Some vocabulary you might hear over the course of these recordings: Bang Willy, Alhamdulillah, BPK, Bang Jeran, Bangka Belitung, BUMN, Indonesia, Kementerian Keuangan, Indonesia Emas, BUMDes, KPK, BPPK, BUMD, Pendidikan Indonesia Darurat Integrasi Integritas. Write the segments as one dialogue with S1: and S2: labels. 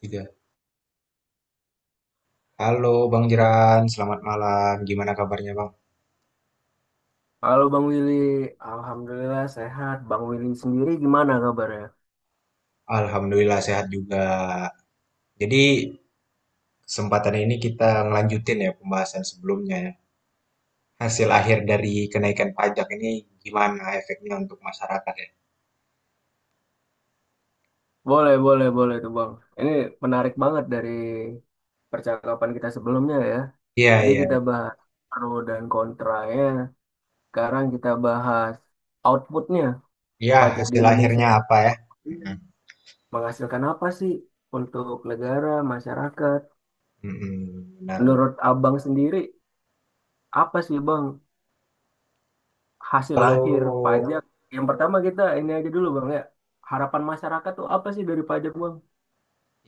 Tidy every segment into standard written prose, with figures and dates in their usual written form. S1: Tiga. Halo Bang Jeran, selamat malam. Gimana kabarnya Bang?
S2: Halo Bang Willy, Alhamdulillah sehat. Bang Willy sendiri gimana kabarnya?
S1: Alhamdulillah sehat juga. Jadi kesempatan ini kita ngelanjutin ya pembahasan sebelumnya ya. Hasil akhir dari kenaikan pajak ini gimana efeknya untuk masyarakat ya?
S2: Boleh, boleh, boleh tuh Bang. Ini menarik banget dari percakapan kita sebelumnya ya.
S1: Iya,
S2: Tadi
S1: iya.
S2: kita bahas pro dan kontranya, sekarang kita bahas outputnya.
S1: Iya,
S2: Pajak di
S1: hasil
S2: Indonesia
S1: akhirnya apa ya? Mm-mm.
S2: menghasilkan apa sih untuk negara, masyarakat?
S1: Mm-mm, benar, benar.
S2: Menurut Abang sendiri, apa sih Bang hasil akhir
S1: Kalau
S2: pajak. Yang pertama kita ini aja dulu Bang ya. Harapan masyarakat tuh apa sih dari pajak Bang?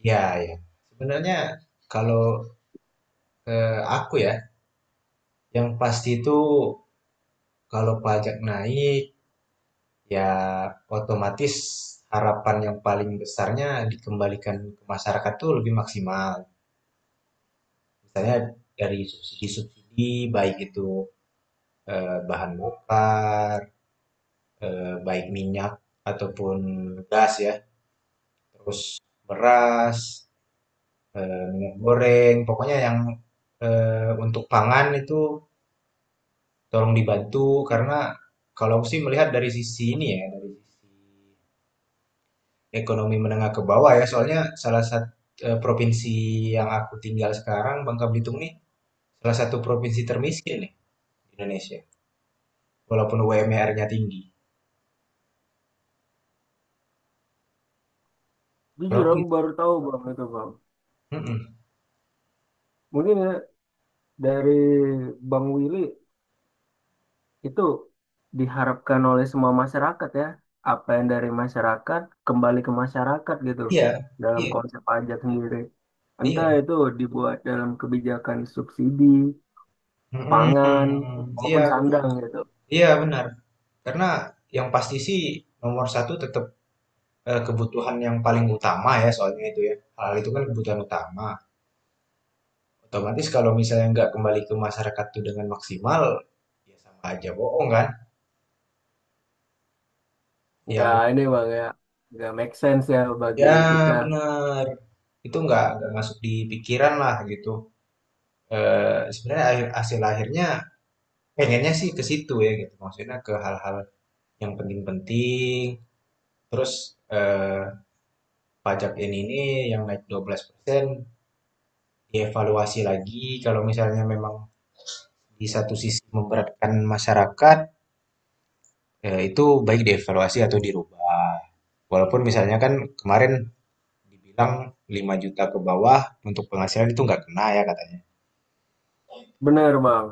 S1: Ya, ya. Sebenarnya kalau aku ya, yang pasti itu kalau pajak naik, ya, otomatis harapan yang paling besarnya dikembalikan ke masyarakat tuh lebih maksimal. Misalnya dari subsidi-subsidi, baik itu bahan bakar, baik minyak ataupun gas ya, terus beras, minyak goreng, pokoknya yang untuk pangan itu tolong dibantu karena kalau aku sih melihat dari sisi ini ya, dari sisi ekonomi menengah ke bawah ya, soalnya salah satu provinsi yang aku tinggal sekarang, Bangka Belitung nih, salah satu provinsi termiskin nih di Indonesia, walaupun UMR-nya tinggi. Kalau
S2: Jujur
S1: aku
S2: aku
S1: gitu,
S2: baru tahu Bang itu Bang.
S1: mm-mm.
S2: Mungkin ya dari Bang Willy itu diharapkan oleh semua masyarakat ya. Apa yang dari masyarakat kembali ke masyarakat gitu
S1: Iya,
S2: dalam
S1: iya,
S2: konsep pajak sendiri. Entah
S1: iya,
S2: itu dibuat dalam kebijakan subsidi, pangan,
S1: mm-mm. Iya,
S2: maupun
S1: benar.
S2: sandang gitu.
S1: Iya benar. Karena yang pasti sih nomor satu tetap kebutuhan yang paling utama ya, soalnya itu ya, hal itu kan kebutuhan utama. Otomatis kalau misalnya nggak kembali ke masyarakat itu dengan maksimal, ya sama aja bohong kan?
S2: Nggak
S1: Yang
S2: ini Bang ya, nggak make sense ya bagi
S1: Ya,
S2: kita.
S1: benar. Itu nggak masuk di pikiran lah gitu. Sebenarnya hasil akhirnya pengennya sih ke situ ya gitu. Maksudnya ke hal-hal yang penting-penting. Terus eh, pajak ini yang naik 12% dievaluasi lagi. Kalau misalnya memang di satu sisi memberatkan masyarakat, itu baik dievaluasi atau dirubah. Walaupun misalnya kan kemarin dibilang 5 juta ke bawah untuk penghasilan itu nggak kena ya katanya.
S2: Benar, Bang.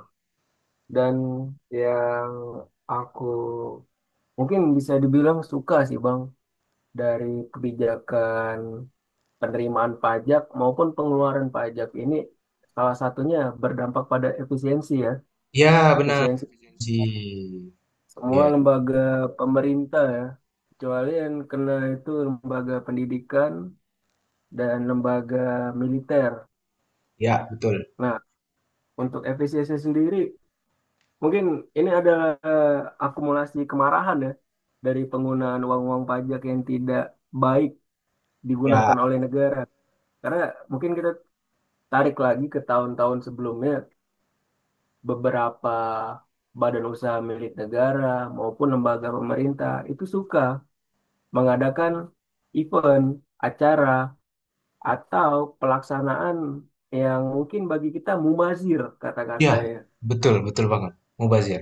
S2: Dan yang aku mungkin bisa dibilang suka sih Bang dari kebijakan penerimaan pajak maupun pengeluaran pajak ini salah satunya berdampak pada efisiensi ya.
S1: Ya, benar.
S2: Efisiensi
S1: Ji, itu
S2: semua
S1: dia.
S2: lembaga pemerintah ya. Kecuali yang kena itu lembaga pendidikan dan lembaga militer.
S1: Ya, betul.
S2: Nah, untuk efisiensi sendiri mungkin ini adalah akumulasi kemarahan ya dari penggunaan uang-uang pajak yang tidak baik
S1: Ya,
S2: digunakan oleh negara. Karena mungkin kita tarik lagi ke tahun-tahun sebelumnya, beberapa badan usaha milik negara maupun lembaga pemerintah itu suka mengadakan event, acara, atau pelaksanaan yang mungkin bagi kita mubazir
S1: ya,
S2: kata-katanya.
S1: betul, betul banget. Mubazir.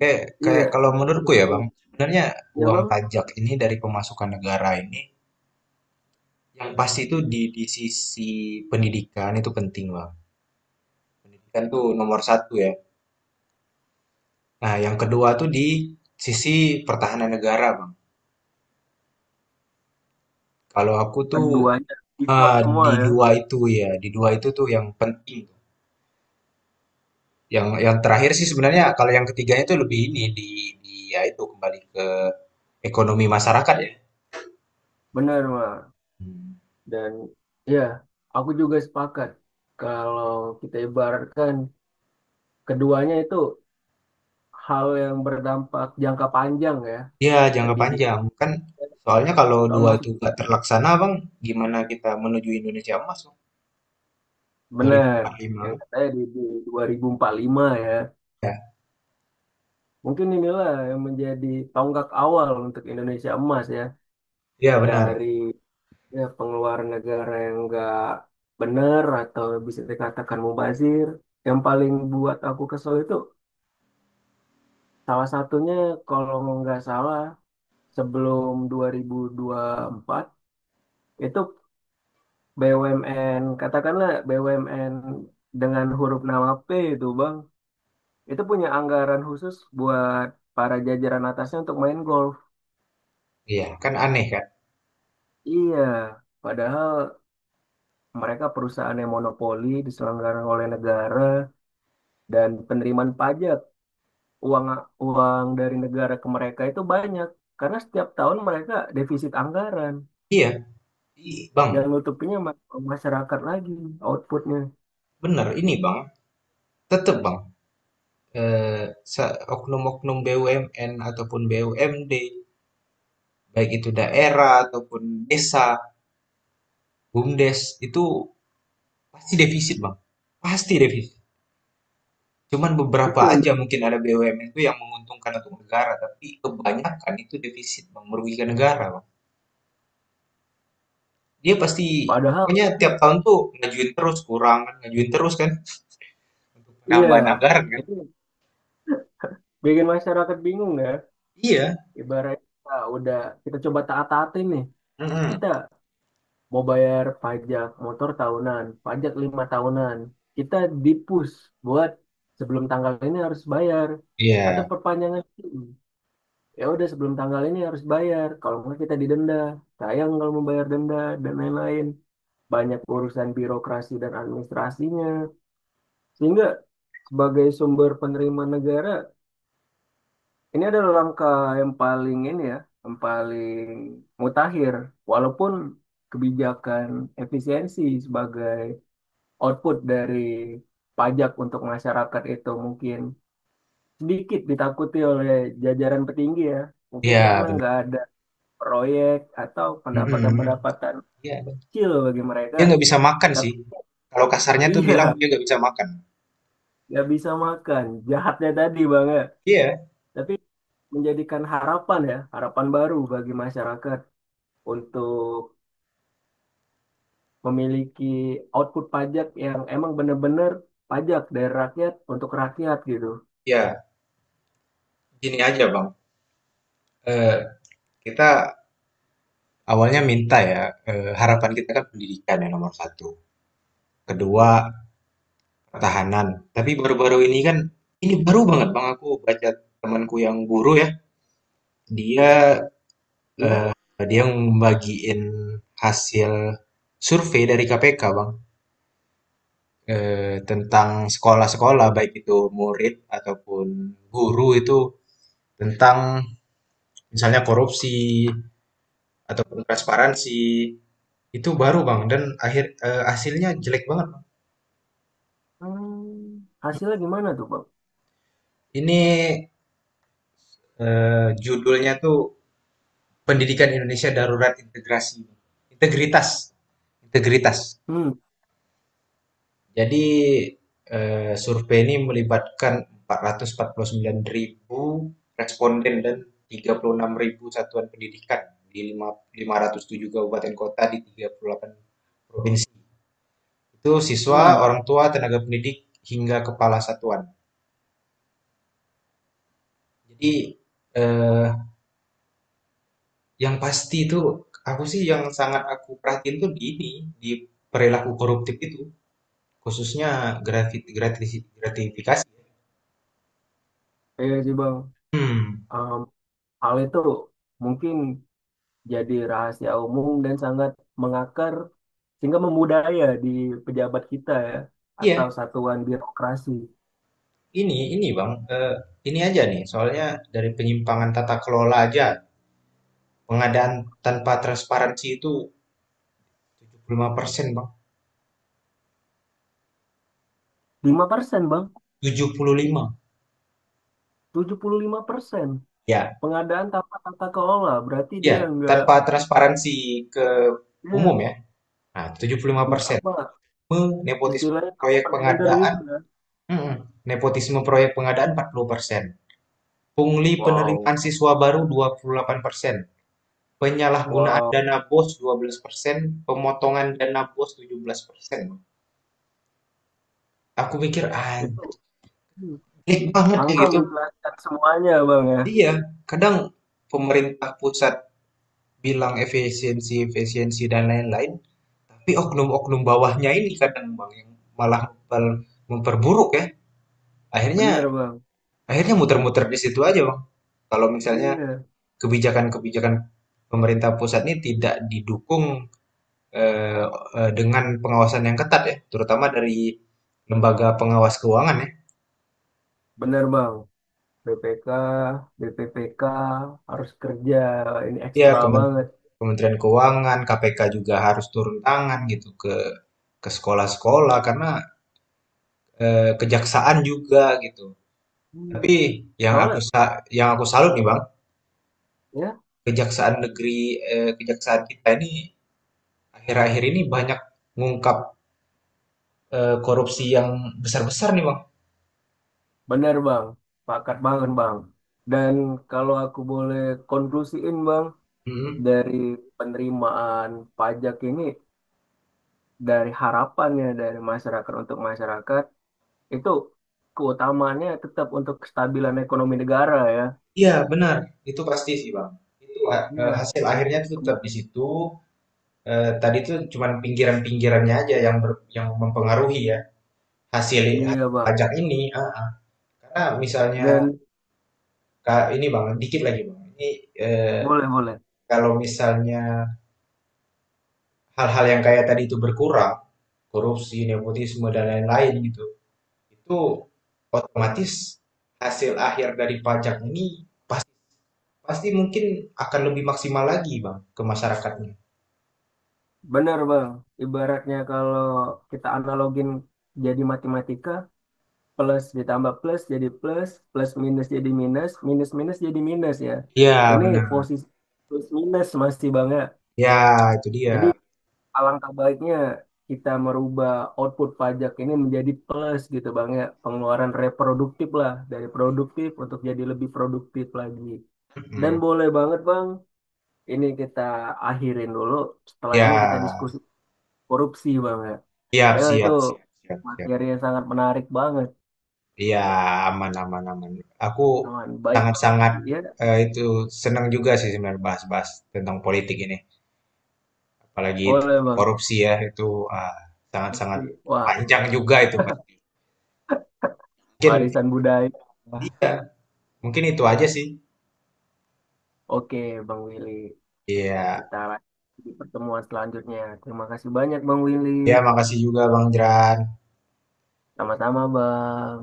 S1: Kayak,
S2: Iya,
S1: kalau menurutku ya, Bang,
S2: betul.
S1: sebenarnya
S2: Iya
S1: uang
S2: bang,
S1: pajak ini dari pemasukan negara ini yang pasti itu di sisi pendidikan itu penting, Bang. Pendidikan tuh nomor satu ya. Nah, yang kedua tuh di sisi pertahanan negara, Bang. Kalau aku tuh
S2: keduanya support
S1: ah,
S2: semua
S1: di
S2: ya.
S1: dua itu ya, di dua itu tuh yang penting. Yang terakhir sih sebenarnya kalau yang ketiganya itu lebih ini di ya itu kembali ke ekonomi masyarakat ya?
S2: Benar, Bang.
S1: Hmm.
S2: Dan ya, aku juga sepakat kalau kita ibaratkan keduanya itu hal yang berdampak jangka panjang ya,
S1: Iya, jangka panjang.
S2: pendidikan.
S1: Kan soalnya kalau
S2: Soal
S1: dua
S2: mas
S1: itu nggak terlaksana, Bang, gimana kita menuju Indonesia Emas, Bang?
S2: benar
S1: 2045.
S2: yang katanya di 2045 ya.
S1: Ya,
S2: Mungkin inilah yang menjadi tonggak awal untuk Indonesia emas ya
S1: iya benar.
S2: dari ya, pengeluaran negara yang enggak benar atau bisa dikatakan mubazir. Yang paling buat aku kesel itu salah satunya kalau nggak salah sebelum dua ribu empat itu BUMN katakanlah BUMN dengan huruf nama P itu Bang itu punya anggaran khusus buat para jajaran atasnya untuk main golf.
S1: Iya, kan aneh kan?
S2: Iya, padahal mereka perusahaan yang monopoli diselenggarakan oleh negara dan penerimaan pajak uang uang dari negara ke mereka itu banyak karena setiap tahun mereka defisit anggaran
S1: Iya,
S2: yang
S1: Bang,
S2: nutupinya masyarakat lagi outputnya.
S1: benar. Ini, Bang, tetap, Bang, eh, oknum-oknum BUMN ataupun BUMD, baik itu daerah ataupun desa, BUMDes, itu pasti defisit, Bang. Pasti defisit. Cuman beberapa
S2: itu yang
S1: aja mungkin ada BUMN itu yang menguntungkan untuk negara, tapi kebanyakan itu defisit, Bang, merugikan negara, Bang. Dia pasti
S2: Padahal,
S1: pokoknya tiap tahun tuh ngajuin terus kurang kan, ngajuin terus kan untuk
S2: iya,
S1: penambahan anggaran kan.
S2: itu bikin masyarakat bingung ya.
S1: Iya.
S2: Ibarat kita udah, kita coba taat-taatin nih.
S1: Mm-mm.
S2: Kita mau bayar pajak motor tahunan, pajak 5 tahunan. Kita dipus, buat sebelum tanggal ini harus bayar.
S1: Iya,
S2: Atau perpanjangan SIM. Ya udah sebelum tanggal ini harus bayar. Kalau nggak kita didenda. Sayang kalau membayar denda dan lain-lain. Banyak urusan birokrasi dan administrasinya. Sehingga sebagai sumber penerimaan negara ini adalah langkah yang paling ini ya, yang paling mutakhir. Walaupun kebijakan efisiensi sebagai output dari pajak untuk masyarakat itu mungkin sedikit ditakuti oleh jajaran petinggi ya. Mungkin
S1: iya
S2: karena
S1: benar.
S2: nggak ada proyek atau
S1: Mm-mm.
S2: pendapatan-pendapatan
S1: Iya,
S2: kecil bagi mereka.
S1: dia nggak bisa makan sih.
S2: Tapi
S1: Kalau kasarnya tuh bilang
S2: iya,
S1: dia nggak bisa makan.
S2: nggak bisa makan. Jahatnya tadi Bang ya.
S1: Iya,
S2: Tapi menjadikan harapan ya, harapan baru bagi masyarakat untuk memiliki output pajak yang emang bener-bener pajak dari rakyat untuk rakyat gitu.
S1: iya. Gini aja, Bang. Eh, kita awalnya minta ya, harapan kita kan pendidikan yang nomor satu. Kedua, pertahanan. Tapi baru-baru ini kan, ini baru banget Bang aku baca temanku yang guru ya. Dia
S2: Ya.
S1: dia membagiin hasil survei dari KPK Bang tentang sekolah-sekolah baik itu murid ataupun guru itu tentang misalnya korupsi ataupun transparansi itu baru Bang dan hasilnya jelek banget, Bang.
S2: Hmm. Hasilnya gimana tuh Bang?
S1: Ini judulnya tuh Pendidikan Indonesia Darurat Integritas Integritas.
S2: Hmm,
S1: Jadi, survei ini melibatkan 449.000 responden dan 36.000 satuan pendidikan di 507 kabupaten kota di 38 provinsi. Itu siswa,
S2: hmm,
S1: orang tua, tenaga pendidik, hingga kepala satuan. Jadi, eee, yang pasti itu aku sih yang sangat aku perhatiin tuh di ini, di perilaku koruptif itu. Khususnya grafit gratisi gratifikasi.
S2: iya sih Bang.
S1: Mmm,
S2: Em, hal itu mungkin jadi rahasia umum dan sangat mengakar sehingga membudaya di pejabat kita ya atau
S1: iya,
S2: satuan birokrasi.
S1: ini Bang, ini aja nih, soalnya dari penyimpangan tata kelola aja pengadaan tanpa transparansi itu 75% Bang,
S2: 5% Bang,
S1: 75,
S2: 75%
S1: ya
S2: pengadaan tanpa tata kelola berarti
S1: ya,
S2: dia nggak
S1: tanpa transparansi ke
S2: ya,
S1: umum ya. Nah, tujuh puluh lima
S2: nggak
S1: persen,
S2: apa
S1: nepotisme
S2: istilahnya
S1: proyek
S2: overtender
S1: pengadaan
S2: gitu kan.
S1: mhm, nepotisme proyek pengadaan 40%, pungli
S2: Wow,
S1: penerimaan siswa baru 28%. Penyalahgunaan
S2: wow,
S1: dana bos 12% pemotongan dana bos tujuh belas persen. Aku mikir,
S2: itu
S1: anjir
S2: hmm,
S1: banget ya
S2: angka
S1: gitu.
S2: menjelaskan semuanya bang ya,
S1: Iya, kadang pemerintah pusat bilang efisiensi, efisiensi dan lain-lain, tapi oknum-oknum bawahnya ini kadang bang yang malah memperburuk ya. Akhirnya,
S2: bener bang.
S1: muter-muter di situ aja bang. Kalau misalnya
S2: Iya,
S1: kebijakan-kebijakan pemerintah pusat ini tidak didukung eh, dengan pengawasan yang ketat ya, terutama dari lembaga pengawas keuangan ya.
S2: bener bang. BPK, BPPK harus kerja ini
S1: Ya,
S2: ekstra banget.
S1: Kementerian Keuangan, KPK juga harus turun tangan gitu ke sekolah-sekolah karena kejaksaan juga gitu.
S2: Hmm.
S1: Tapi yang
S2: Soalnya
S1: yang aku salut nih Bang,
S2: ya,
S1: kejaksaan negeri, kejaksaan kita ini akhir-akhir ini banyak mengungkap korupsi yang besar-besar nih Bang.
S2: bener bang, pakat banget bang. Dan kalau aku boleh konklusiin bang
S1: Mm-mm.
S2: dari penerimaan pajak ini dari harapannya dari masyarakat untuk masyarakat itu keutamaannya tetap untuk kestabilan ekonomi negara ya.
S1: Iya, benar. Itu pasti sih Bang. Itu
S2: Iya,
S1: hasil akhirnya tuh tetap di situ, tadi itu cuman pinggiran-pinggirannya aja yang yang mempengaruhi ya hasil
S2: ini ya
S1: hasil
S2: Bang.
S1: pajak ini. Ah, karena misalnya
S2: Dan
S1: ini bang, dikit lagi bang. Ini eh,
S2: boleh boleh.
S1: kalau misalnya hal-hal yang kayak tadi itu berkurang, korupsi, nepotisme dan lain-lain gitu, itu otomatis hasil akhir dari pajak ini pasti mungkin akan lebih maksimal lagi bang ke masyarakatnya.
S2: Benar Bang. Ibaratnya kalau kita analogin jadi matematika, plus ditambah plus jadi plus, plus minus jadi minus, minus minus jadi minus ya.
S1: Ya
S2: Ini
S1: benar.
S2: posisi plus minus masih Bang ya.
S1: Ya itu
S2: Jadi
S1: dia.
S2: alangkah baiknya kita merubah output pajak ini menjadi plus gitu Bang ya. Pengeluaran reproduktif lah dari produktif untuk jadi lebih produktif lagi. Dan
S1: Mm-mm.
S2: boleh banget Bang, ini kita akhirin dulu. Setelah ini kita
S1: Ya
S2: diskusi korupsi Bang ya.
S1: siap
S2: Kayaknya itu
S1: siap siap siap siap.
S2: materi yang sangat menarik banget.
S1: Iya, aman aman aman. Aku
S2: Aman, baik Bang.
S1: sangat-sangat
S2: Ya,
S1: itu senang juga sih sebenarnya bahas-bahas tentang politik ini, apalagi
S2: boleh
S1: tentang
S2: Bang.
S1: korupsi ya itu ah, sangat-sangat
S2: Korupsi. Wah,
S1: panjang juga itu pasti. Mungkin
S2: warisan budaya. Wah,
S1: mungkin itu aja sih.
S2: oke Bang Willy,
S1: Iya,
S2: kita lanjut di pertemuan selanjutnya. Terima kasih banyak Bang Willy.
S1: ya makasih juga Bang Jeran.
S2: Sama-sama, Bang.